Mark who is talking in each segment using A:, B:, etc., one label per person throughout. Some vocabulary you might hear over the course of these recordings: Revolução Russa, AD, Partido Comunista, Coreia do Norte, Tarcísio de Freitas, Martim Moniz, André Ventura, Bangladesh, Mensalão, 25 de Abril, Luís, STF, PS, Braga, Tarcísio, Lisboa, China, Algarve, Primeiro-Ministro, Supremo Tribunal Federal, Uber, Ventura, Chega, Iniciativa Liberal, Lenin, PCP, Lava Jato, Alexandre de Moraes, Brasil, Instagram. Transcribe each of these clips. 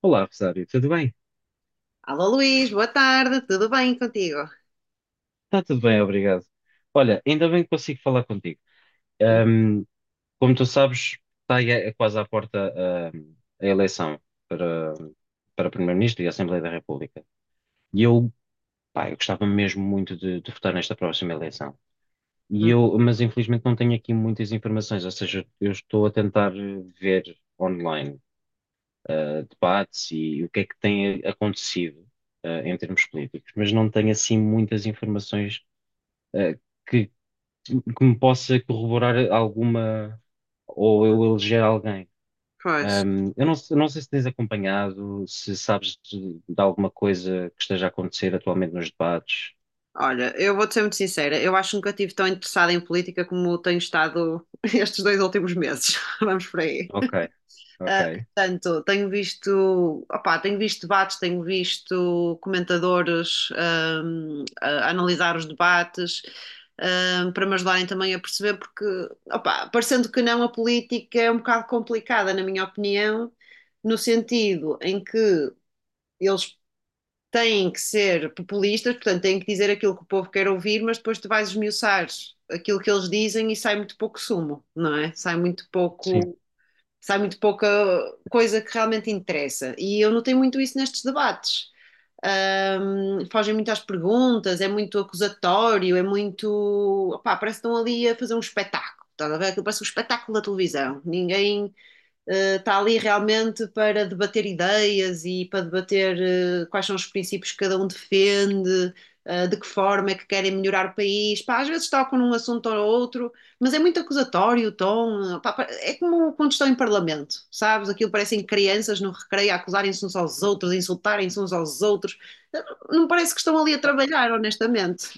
A: Olá, Rosário, tudo bem?
B: Alô Luís, boa tarde, tudo bem contigo?
A: Está tudo bem, obrigado. Olha, ainda bem que consigo falar contigo. Ahm, Como tu sabes, está aí quase à porta, a eleição para, para Primeiro-Ministro e Assembleia da República. E eu, Pá, eu gostava mesmo muito de votar nesta próxima eleição.
B: Hum.
A: Mas infelizmente não tenho aqui muitas informações, ou seja, eu estou a tentar ver online, debates e o que é que tem acontecido, em termos políticos, mas não tenho assim muitas informações eh, que, que me possa corroborar alguma ou eu eleger alguém.
B: Pois,
A: Eu não, se- Não sei se tens acompanhado, se sabes de alguma coisa que esteja a acontecer atualmente nos debates.
B: olha, eu vou-te ser muito sincera, eu acho que nunca estive tão interessada em política como tenho estado estes 2 últimos meses, vamos por aí.
A: Ok, ok,
B: Ah, portanto, tenho visto, opá, tenho visto debates, tenho visto comentadores a analisar os debates, para me ajudarem também a perceber, porque, opá, parecendo que não, a política é um bocado complicada, na minha opinião, no sentido em que eles têm que ser populistas, portanto, têm que dizer aquilo que o povo quer ouvir, mas depois tu vais esmiuçar aquilo que eles dizem e sai muito pouco sumo, não é? Sai muito
A: sim.
B: pouco, sai muito pouca coisa que realmente interessa. E eu notei muito isso nestes debates. Fogem muito às perguntas, é muito acusatório, é muito. Opá, parece que estão ali a fazer um espetáculo. Estás a ver? Parece um espetáculo da televisão. Ninguém está ali realmente para debater ideias e para debater quais são os princípios que cada um defende, de que forma é que querem melhorar o país. Pá, às vezes tocam num assunto ou outro, mas é muito acusatório o tom. Pá, é como quando estão em parlamento, sabes? Aquilo parecem crianças no recreio a acusarem-se uns aos outros, a insultarem-se uns aos outros. Não parece que estão ali a
A: Ou
B: trabalhar, honestamente.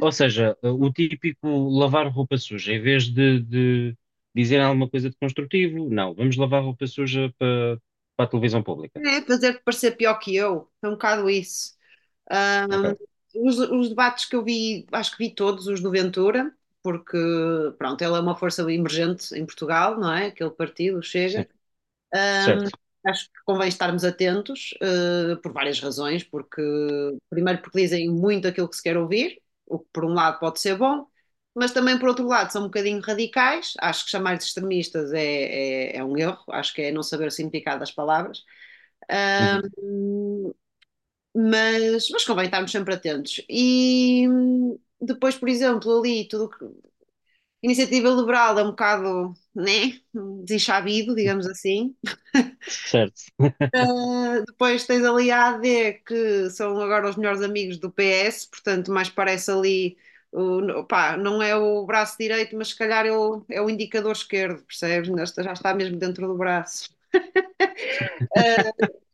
A: ou seja, o típico lavar roupa suja, em vez de dizer alguma coisa de construtivo, não, vamos lavar roupa suja para a televisão pública.
B: É fazer-te parecer pior que eu. É um bocado isso. Ahm,
A: Ok,
B: os debates que eu vi, acho que vi todos os do Ventura, porque, pronto, ele é uma força emergente em Portugal, não é? Aquele partido o
A: sim,
B: chega. Ahm,
A: certo.
B: Acho que convém estarmos atentos, por várias razões, porque, primeiro, porque dizem muito aquilo que se quer ouvir, o que por um lado pode ser bom, mas também, por outro lado, são um bocadinho radicais. Acho que chamar de extremistas é um erro, acho que é não saber o significado das palavras.
A: Uhum.
B: Mas convém estarmos sempre atentos. E depois, por exemplo, ali, tudo que. Iniciativa Liberal é um bocado, né? Desinchabido, digamos assim.
A: Certo.
B: Depois tens ali a AD, que são agora os melhores amigos do PS, portanto, mais parece ali. O, pá, não é o braço direito, mas se calhar é o indicador esquerdo, percebes? Já está mesmo dentro do braço.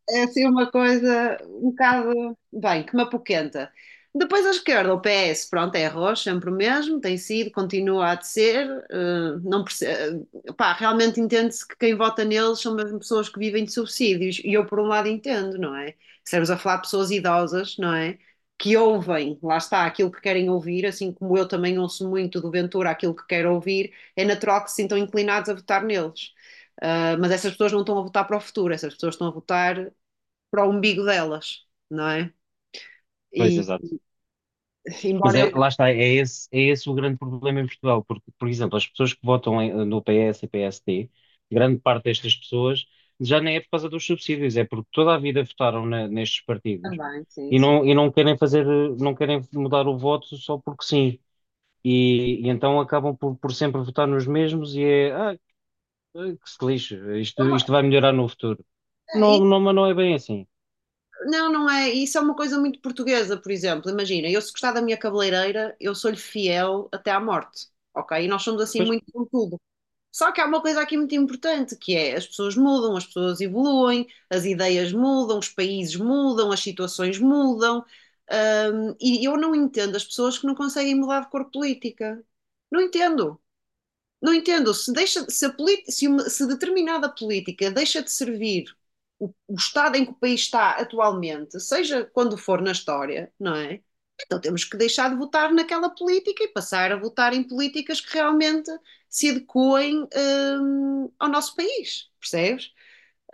B: É assim uma coisa um bocado, bem, que me apoquenta. Depois à esquerda, o PS, pronto, é arroz, sempre o mesmo, tem sido, continua a de ser. Eh, não perce- eh, Pá, realmente entende-se que quem vota neles são mesmo pessoas que vivem de subsídios. E eu, por um lado, entendo, não é? Estamos a falar de pessoas idosas, não é? Que ouvem, lá está, aquilo que querem ouvir, assim como eu também ouço muito do Ventura aquilo que quero ouvir, é natural que se sintam inclinados a votar neles. Ah, mas essas pessoas não estão a votar para o futuro, essas pessoas estão a votar para o umbigo delas, não é?
A: Pois,
B: E
A: exato. Mas
B: embora ele
A: é, lá está, é esse o grande problema em Portugal, porque, por exemplo, as pessoas que votam no PS e PSD, grande parte destas pessoas já nem é por causa dos subsídios, é porque toda a vida votaram nestes partidos
B: também, sim,
A: e
B: sim.
A: não querem fazer, não querem mudar o voto só porque sim. E então acabam por sempre votar nos mesmos e é, que se lixe,
B: É
A: isto,
B: uma-
A: isto vai melhorar no futuro.
B: é,
A: Não,
B: e-
A: não, mas não é bem assim.
B: Não, não é. Isso é uma coisa muito portuguesa, por exemplo. Imagina, eu se gostar da minha cabeleireira, eu sou-lhe fiel até à morte, ok? E nós somos assim
A: Pois,
B: muito com tudo. Só que há uma coisa aqui muito importante, que é as pessoas mudam, as pessoas evoluem, as ideias mudam, os países mudam, as situações mudam. E eu não entendo as pessoas que não conseguem mudar de cor política. Não entendo. Não entendo, se, deixa, se, a polit- se uma- se determinada política deixa de servir o estado em que o país está atualmente, seja quando for na história, não é? Então temos que deixar de votar naquela política e passar a votar em políticas que realmente se adequem, ao nosso país, percebes?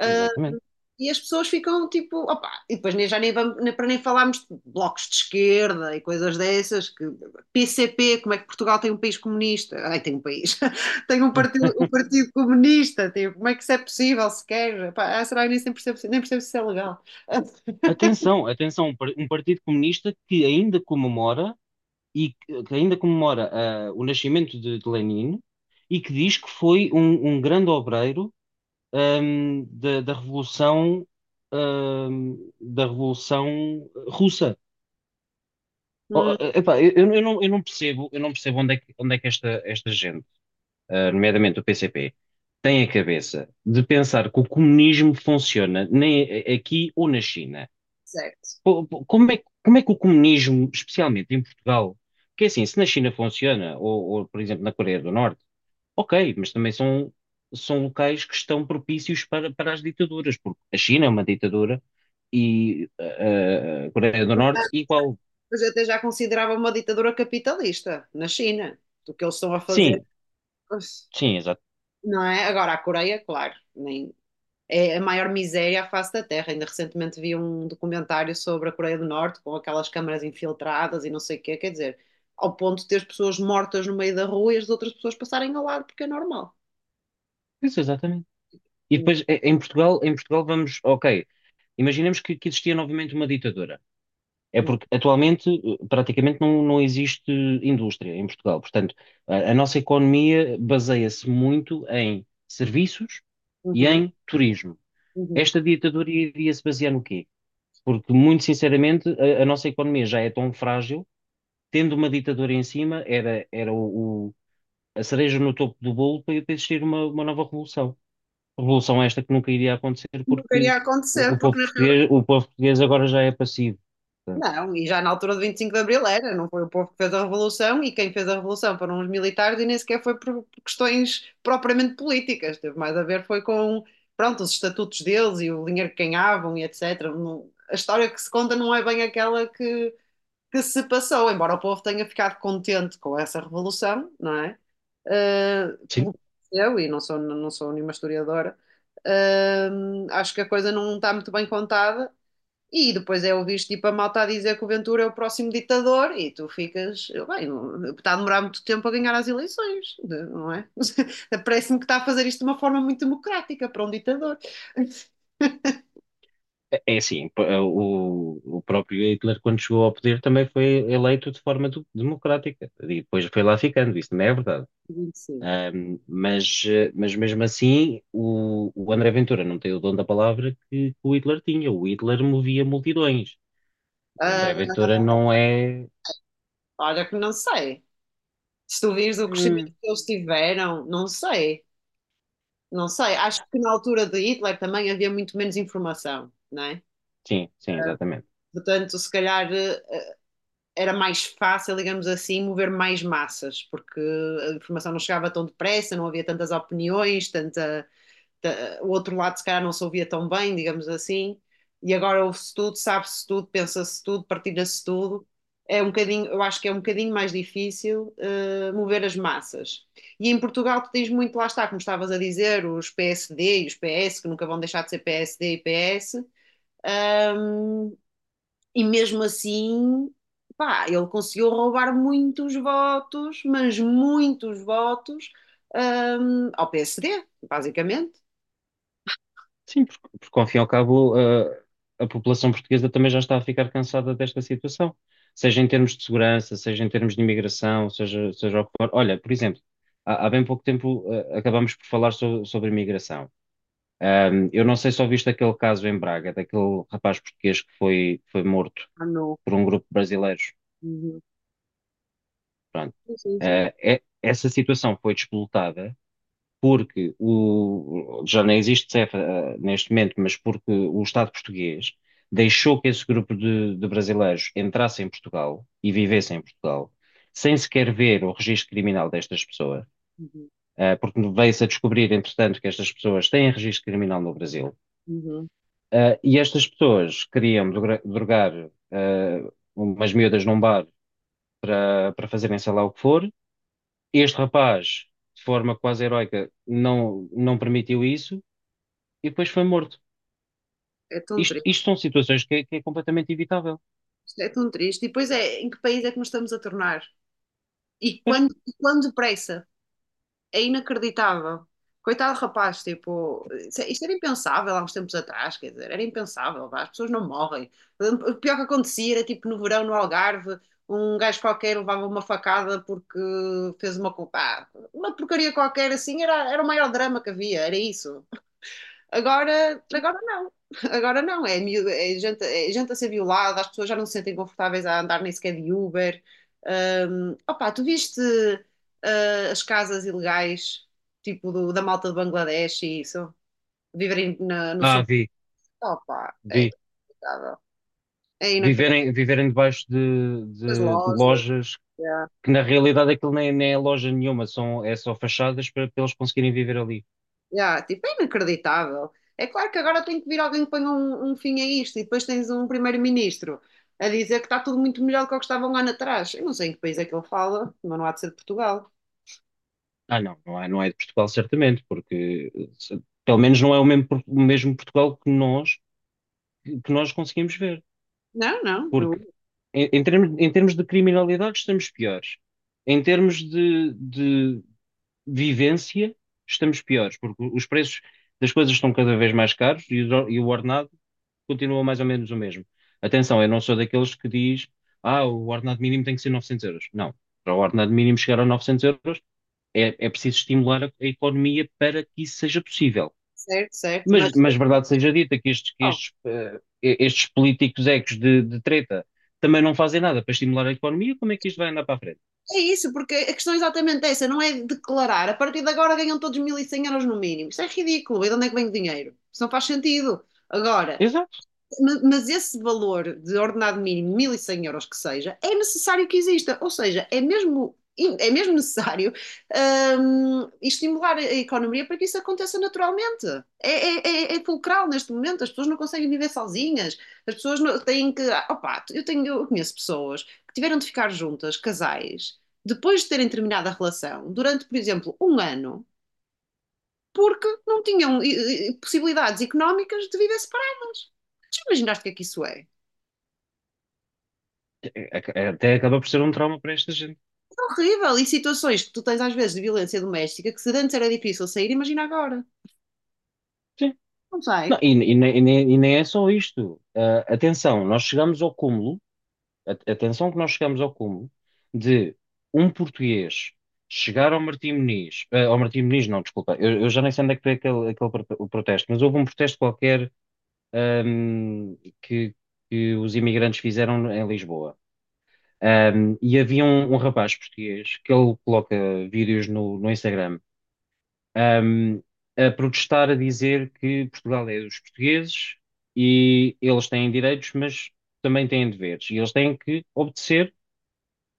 A: exatamente.
B: E as pessoas ficam tipo, opa, e depois nem, já nem vamos, nem, para nem falarmos de blocos de esquerda e coisas dessas, que PCP, como é que Portugal tem um país comunista? Ai, tem um país, tem
A: Hum.
B: um partido comunista, tipo, como é que isso é possível sequer? Pá, ah, será que nem sempre percebo, nem percebo se isso é legal?
A: Atenção, atenção, um Partido Comunista que ainda comemora e que ainda comemora o nascimento de Lenin e que diz que foi um grande obreiro da Revolução ahm, da Revolução Russa.
B: Hum,
A: Oh, epá, eu não percebo onde é que esta gente, nomeadamente o PCP, tem a cabeça de pensar que o comunismo funciona nem aqui ou na China.
B: certo.
A: Como é que o comunismo, especialmente em Portugal, porque assim, se na China funciona, ou, por exemplo na Coreia do Norte, ok, mas também são, são locais que estão propícios para as ditaduras, porque a China é uma ditadura e a Coreia do
B: Ah,
A: Norte igual.
B: mas eu até já considerava uma ditadura capitalista na China, do que eles estão a fazer,
A: Sim, sim, exato.
B: não é? Agora a Coreia, claro, nem, é a maior miséria à face da Terra. Ainda recentemente vi um documentário sobre a Coreia do Norte, com aquelas câmaras infiltradas e não sei o quê, quer dizer, ao ponto de ter pessoas mortas no meio da rua e as outras pessoas passarem ao lado, porque é normal.
A: Isso, exatamente. E depois em Portugal vamos, ok, imaginemos que existia novamente uma ditadura. É
B: Uhum,
A: porque atualmente praticamente não existe indústria em Portugal. Portanto, a nossa economia baseia-se muito em serviços e
B: uhum,
A: em turismo.
B: uhum.
A: Esta ditadura iria-se basear no quê? Porque, muito sinceramente, a nossa economia já é tão frágil, tendo uma ditadura em cima, era a cereja no topo do bolo para existir uma nova revolução. Revolução esta que nunca iria acontecer
B: Não
A: porque
B: queria acontecer. Porque na
A: o povo português agora já é passivo. Portanto,
B: Não, e já na altura de 25 de Abril era, não foi o povo que fez a revolução e quem fez a revolução foram os militares e nem sequer foi por questões propriamente políticas, teve mais a ver foi com, pronto, os estatutos deles e o dinheiro que ganhavam e etc. A história que se conta não é bem aquela que se passou, embora o povo tenha ficado contente com essa revolução, não é? Ah,
A: sim.
B: pelo que aconteceu, e não sou nenhuma historiadora, ah, acho que a coisa não está muito bem contada e depois é ouvir tipo a malta a dizer que o Ventura é o próximo ditador e tu ficas, bem, está a demorar muito tempo a ganhar as eleições, não é? Parece-me que está a fazer isto de uma forma muito democrática para um ditador.
A: É assim, o próprio Hitler, quando chegou ao poder, também foi eleito de forma democrática e depois foi lá ficando, isso não é verdade.
B: Sim.
A: Mas mesmo assim, o André Ventura não tem o dom da palavra que o Hitler tinha. O Hitler movia multidões. O André
B: Ah,
A: Ventura não é.
B: olha que não sei. Se tu vires o crescimento
A: Hum.
B: que eles tiveram, não sei, não sei. Acho que na altura de Hitler também havia muito menos informação, não é?
A: Sim, sim, exatamente.
B: Portanto, se calhar era mais fácil, digamos assim, mover mais massas, porque a informação não chegava tão depressa, não havia tantas opiniões, tanta, o outro lado se calhar não se ouvia tão bem, digamos assim, e agora ouve-se tudo, sabe-se tudo, pensa-se tudo, partilha-se tudo. É um bocadinho, eu acho que é um bocadinho mais difícil mover as massas. E em Portugal tu tens muito, lá está, como estavas a dizer, os PSD e os PS, que nunca vão deixar de ser PSD e PS, e mesmo assim, pá, ele conseguiu roubar muitos votos, mas muitos votos, ao PSD, basicamente.
A: Sim, porque ao fim e ao cabo, a população portuguesa também já está a ficar cansada desta situação, seja em termos de segurança, seja em termos de imigração, seja o que for. Olha, por exemplo, há bem pouco tempo, acabámos por falar sobre imigração. Eu não sei se ouviste aquele caso em Braga, daquele rapaz português que foi morto
B: Ah, não.
A: por um grupo de brasileiros.
B: Uhum.
A: Pronto.
B: Sim, sim, sim.
A: Essa situação foi disputada porque já não existe CEF, neste momento, mas porque o Estado português deixou que esse grupo de brasileiros entrasse em Portugal e vivesse em Portugal, sem sequer ver o registro criminal destas pessoas,
B: Uhum.
A: porque veio-se a descobrir, entretanto, que estas pessoas têm registro criminal no Brasil.
B: Uhum.
A: E estas pessoas queriam drogar, umas miúdas num bar para fazerem sei lá o que for. Este rapaz, de forma quase heroica, não permitiu isso e depois foi morto.
B: É tão
A: Isto,
B: triste,
A: isto são situações que é, completamente evitável.
B: é tão triste. E depois é, em que país é que nos estamos a tornar? E
A: Pois.
B: quando, e quando depressa? É inacreditável. Coitado do rapaz, tipo, isto era impensável há uns tempos atrás, quer dizer, era impensável, vá, as pessoas não morrem. O pior que acontecia era tipo no verão, no Algarve, um gajo qualquer levava uma facada porque fez uma culpa. Ah, uma porcaria qualquer assim, era o maior drama que havia, era isso. Agora, agora não. Agora não. É gente, é gente a ser violada, as pessoas já não se sentem confortáveis a andar nem sequer de Uber. Opa, tu viste, ah, as casas ilegais, tipo da malta de Bangladesh e isso? Viverem. Na- no
A: Ah,
B: sub
A: vi,
B: Opa, é
A: vi.
B: inacreditável. É inacreditável.
A: Viverem debaixo de,
B: As
A: de, de
B: lojas.
A: lojas
B: Yeah.
A: que na realidade aquilo nem é loja nenhuma, é só fachadas para eles conseguirem viver ali.
B: Já, tipo, é inacreditável. É claro que agora tem que vir alguém que ponha um fim a isto e depois tens um primeiro-ministro a dizer que está tudo muito melhor do que o que estava um ano atrás. Eu não sei em que país é que ele fala, mas não há de ser de Portugal.
A: Ah, não é de Portugal certamente, porque pelo menos não é o mesmo, o mesmo Portugal que nós conseguimos ver.
B: Não, não,
A: Porque em termos de criminalidade estamos piores. Em termos de vivência, estamos piores, porque os preços das coisas estão cada vez mais caros e o ordenado continua mais ou menos o mesmo. Atenção, eu não sou daqueles que diz, o ordenado mínimo tem que ser 900 euros. Não, para o ordenado mínimo chegar a 900 euros é preciso estimular a economia para que isso seja possível.
B: certo, certo,
A: Mas,
B: mas
A: mas verdade seja dita que estes políticos ecos de treta também não fazem nada para estimular a economia, como é que isto vai andar para a frente?
B: é isso, porque a questão é exatamente essa, não é declarar. A partir de agora ganham todos 1100 euros no mínimo. Isso é ridículo. E de onde é que vem o dinheiro? Isso não faz sentido. Agora,
A: Exato.
B: mas esse valor de ordenado mínimo, 1100 euros que seja, é necessário que exista. Ou seja, é mesmo necessário estimular a economia para que isso aconteça naturalmente. É, é, é fulcral neste momento, as pessoas não conseguem viver sozinhas, as pessoas não, têm que. Ah, opa, eu conheço pessoas que tiveram de ficar juntas, casais, depois de terem terminado a relação, durante, por exemplo, um ano, porque não tinham possibilidades económicas de viver separadas. Já imaginaste o que é que isso é?
A: Até acaba por ser um trauma para esta gente.
B: Horrível. E situações que tu tens às vezes de violência doméstica que se antes era difícil sair, imagina agora.
A: Sim.
B: Não sai,
A: Não, e nem é só isto. Ah, atenção que nós chegamos ao cúmulo de um português chegar ao Martim Moniz, ao Martim Moniz não, desculpa, eu já nem sei onde é que foi o protesto, mas houve um protesto qualquer, ahm, que, que os imigrantes fizeram em Lisboa. E havia um rapaz português que ele coloca vídeos no Instagram um, a protestar a dizer que Portugal é dos portugueses e eles têm direitos, mas também têm deveres e eles têm que obedecer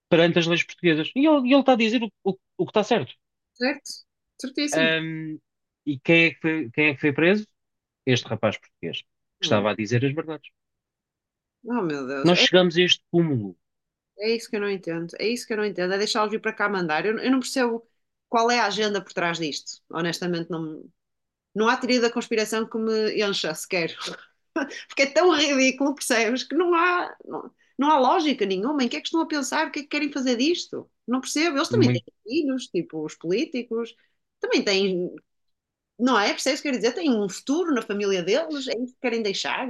A: perante as leis portuguesas. E ele está a dizer o que está certo.
B: certo? Certíssimo.
A: Um, quem é que foi preso? Este rapaz português, que
B: Oh
A: estava a dizer as verdades.
B: meu Deus,
A: Nós
B: é,
A: chegamos a este cúmulo.
B: é isso que eu não entendo. É isso que eu não entendo. É deixá-los vir para cá mandar. Eu não percebo qual é a agenda por trás disto. Honestamente, não, não há teoria da conspiração que me encha sequer. Porque é tão ridículo, percebes? Que não há, não, não há lógica nenhuma. Em que é que estão a pensar? O que é que querem fazer disto? Não percebo. Eles também
A: Uma
B: têm filhos, tipo os políticos, também têm. Não é? Percebes o que eu quero dizer? Têm um futuro na família deles? É isso que querem deixar?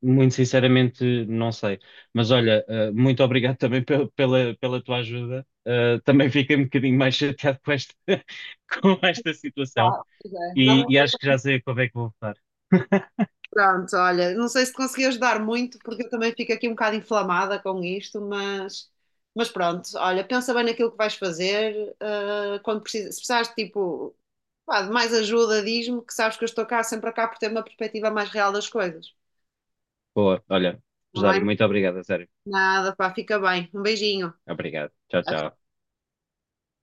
A: Muito sinceramente, não sei. Mas olha, muito obrigado também pela tua ajuda. Também fiquei um bocadinho mais chateado com esta, com esta situação.
B: Claro, pois é.
A: E, e acho que já sei a quando é que vou votar.
B: Pronto, olha, não sei se te consegui ajudar muito, porque eu também fico aqui um bocado inflamada com isto, mas pronto, olha, pensa bem naquilo que vais fazer, ah, quando precisas, se precisares de tipo, pá, de mais ajuda, diz-me que sabes que eu estou cá, sempre cá, por ter uma perspectiva mais real das coisas,
A: Boa, olha,
B: não
A: Rosário,
B: é?
A: muito obrigado, a sério.
B: Nada, pá, fica bem, um beijinho.
A: Obrigado. Tchau, tchau.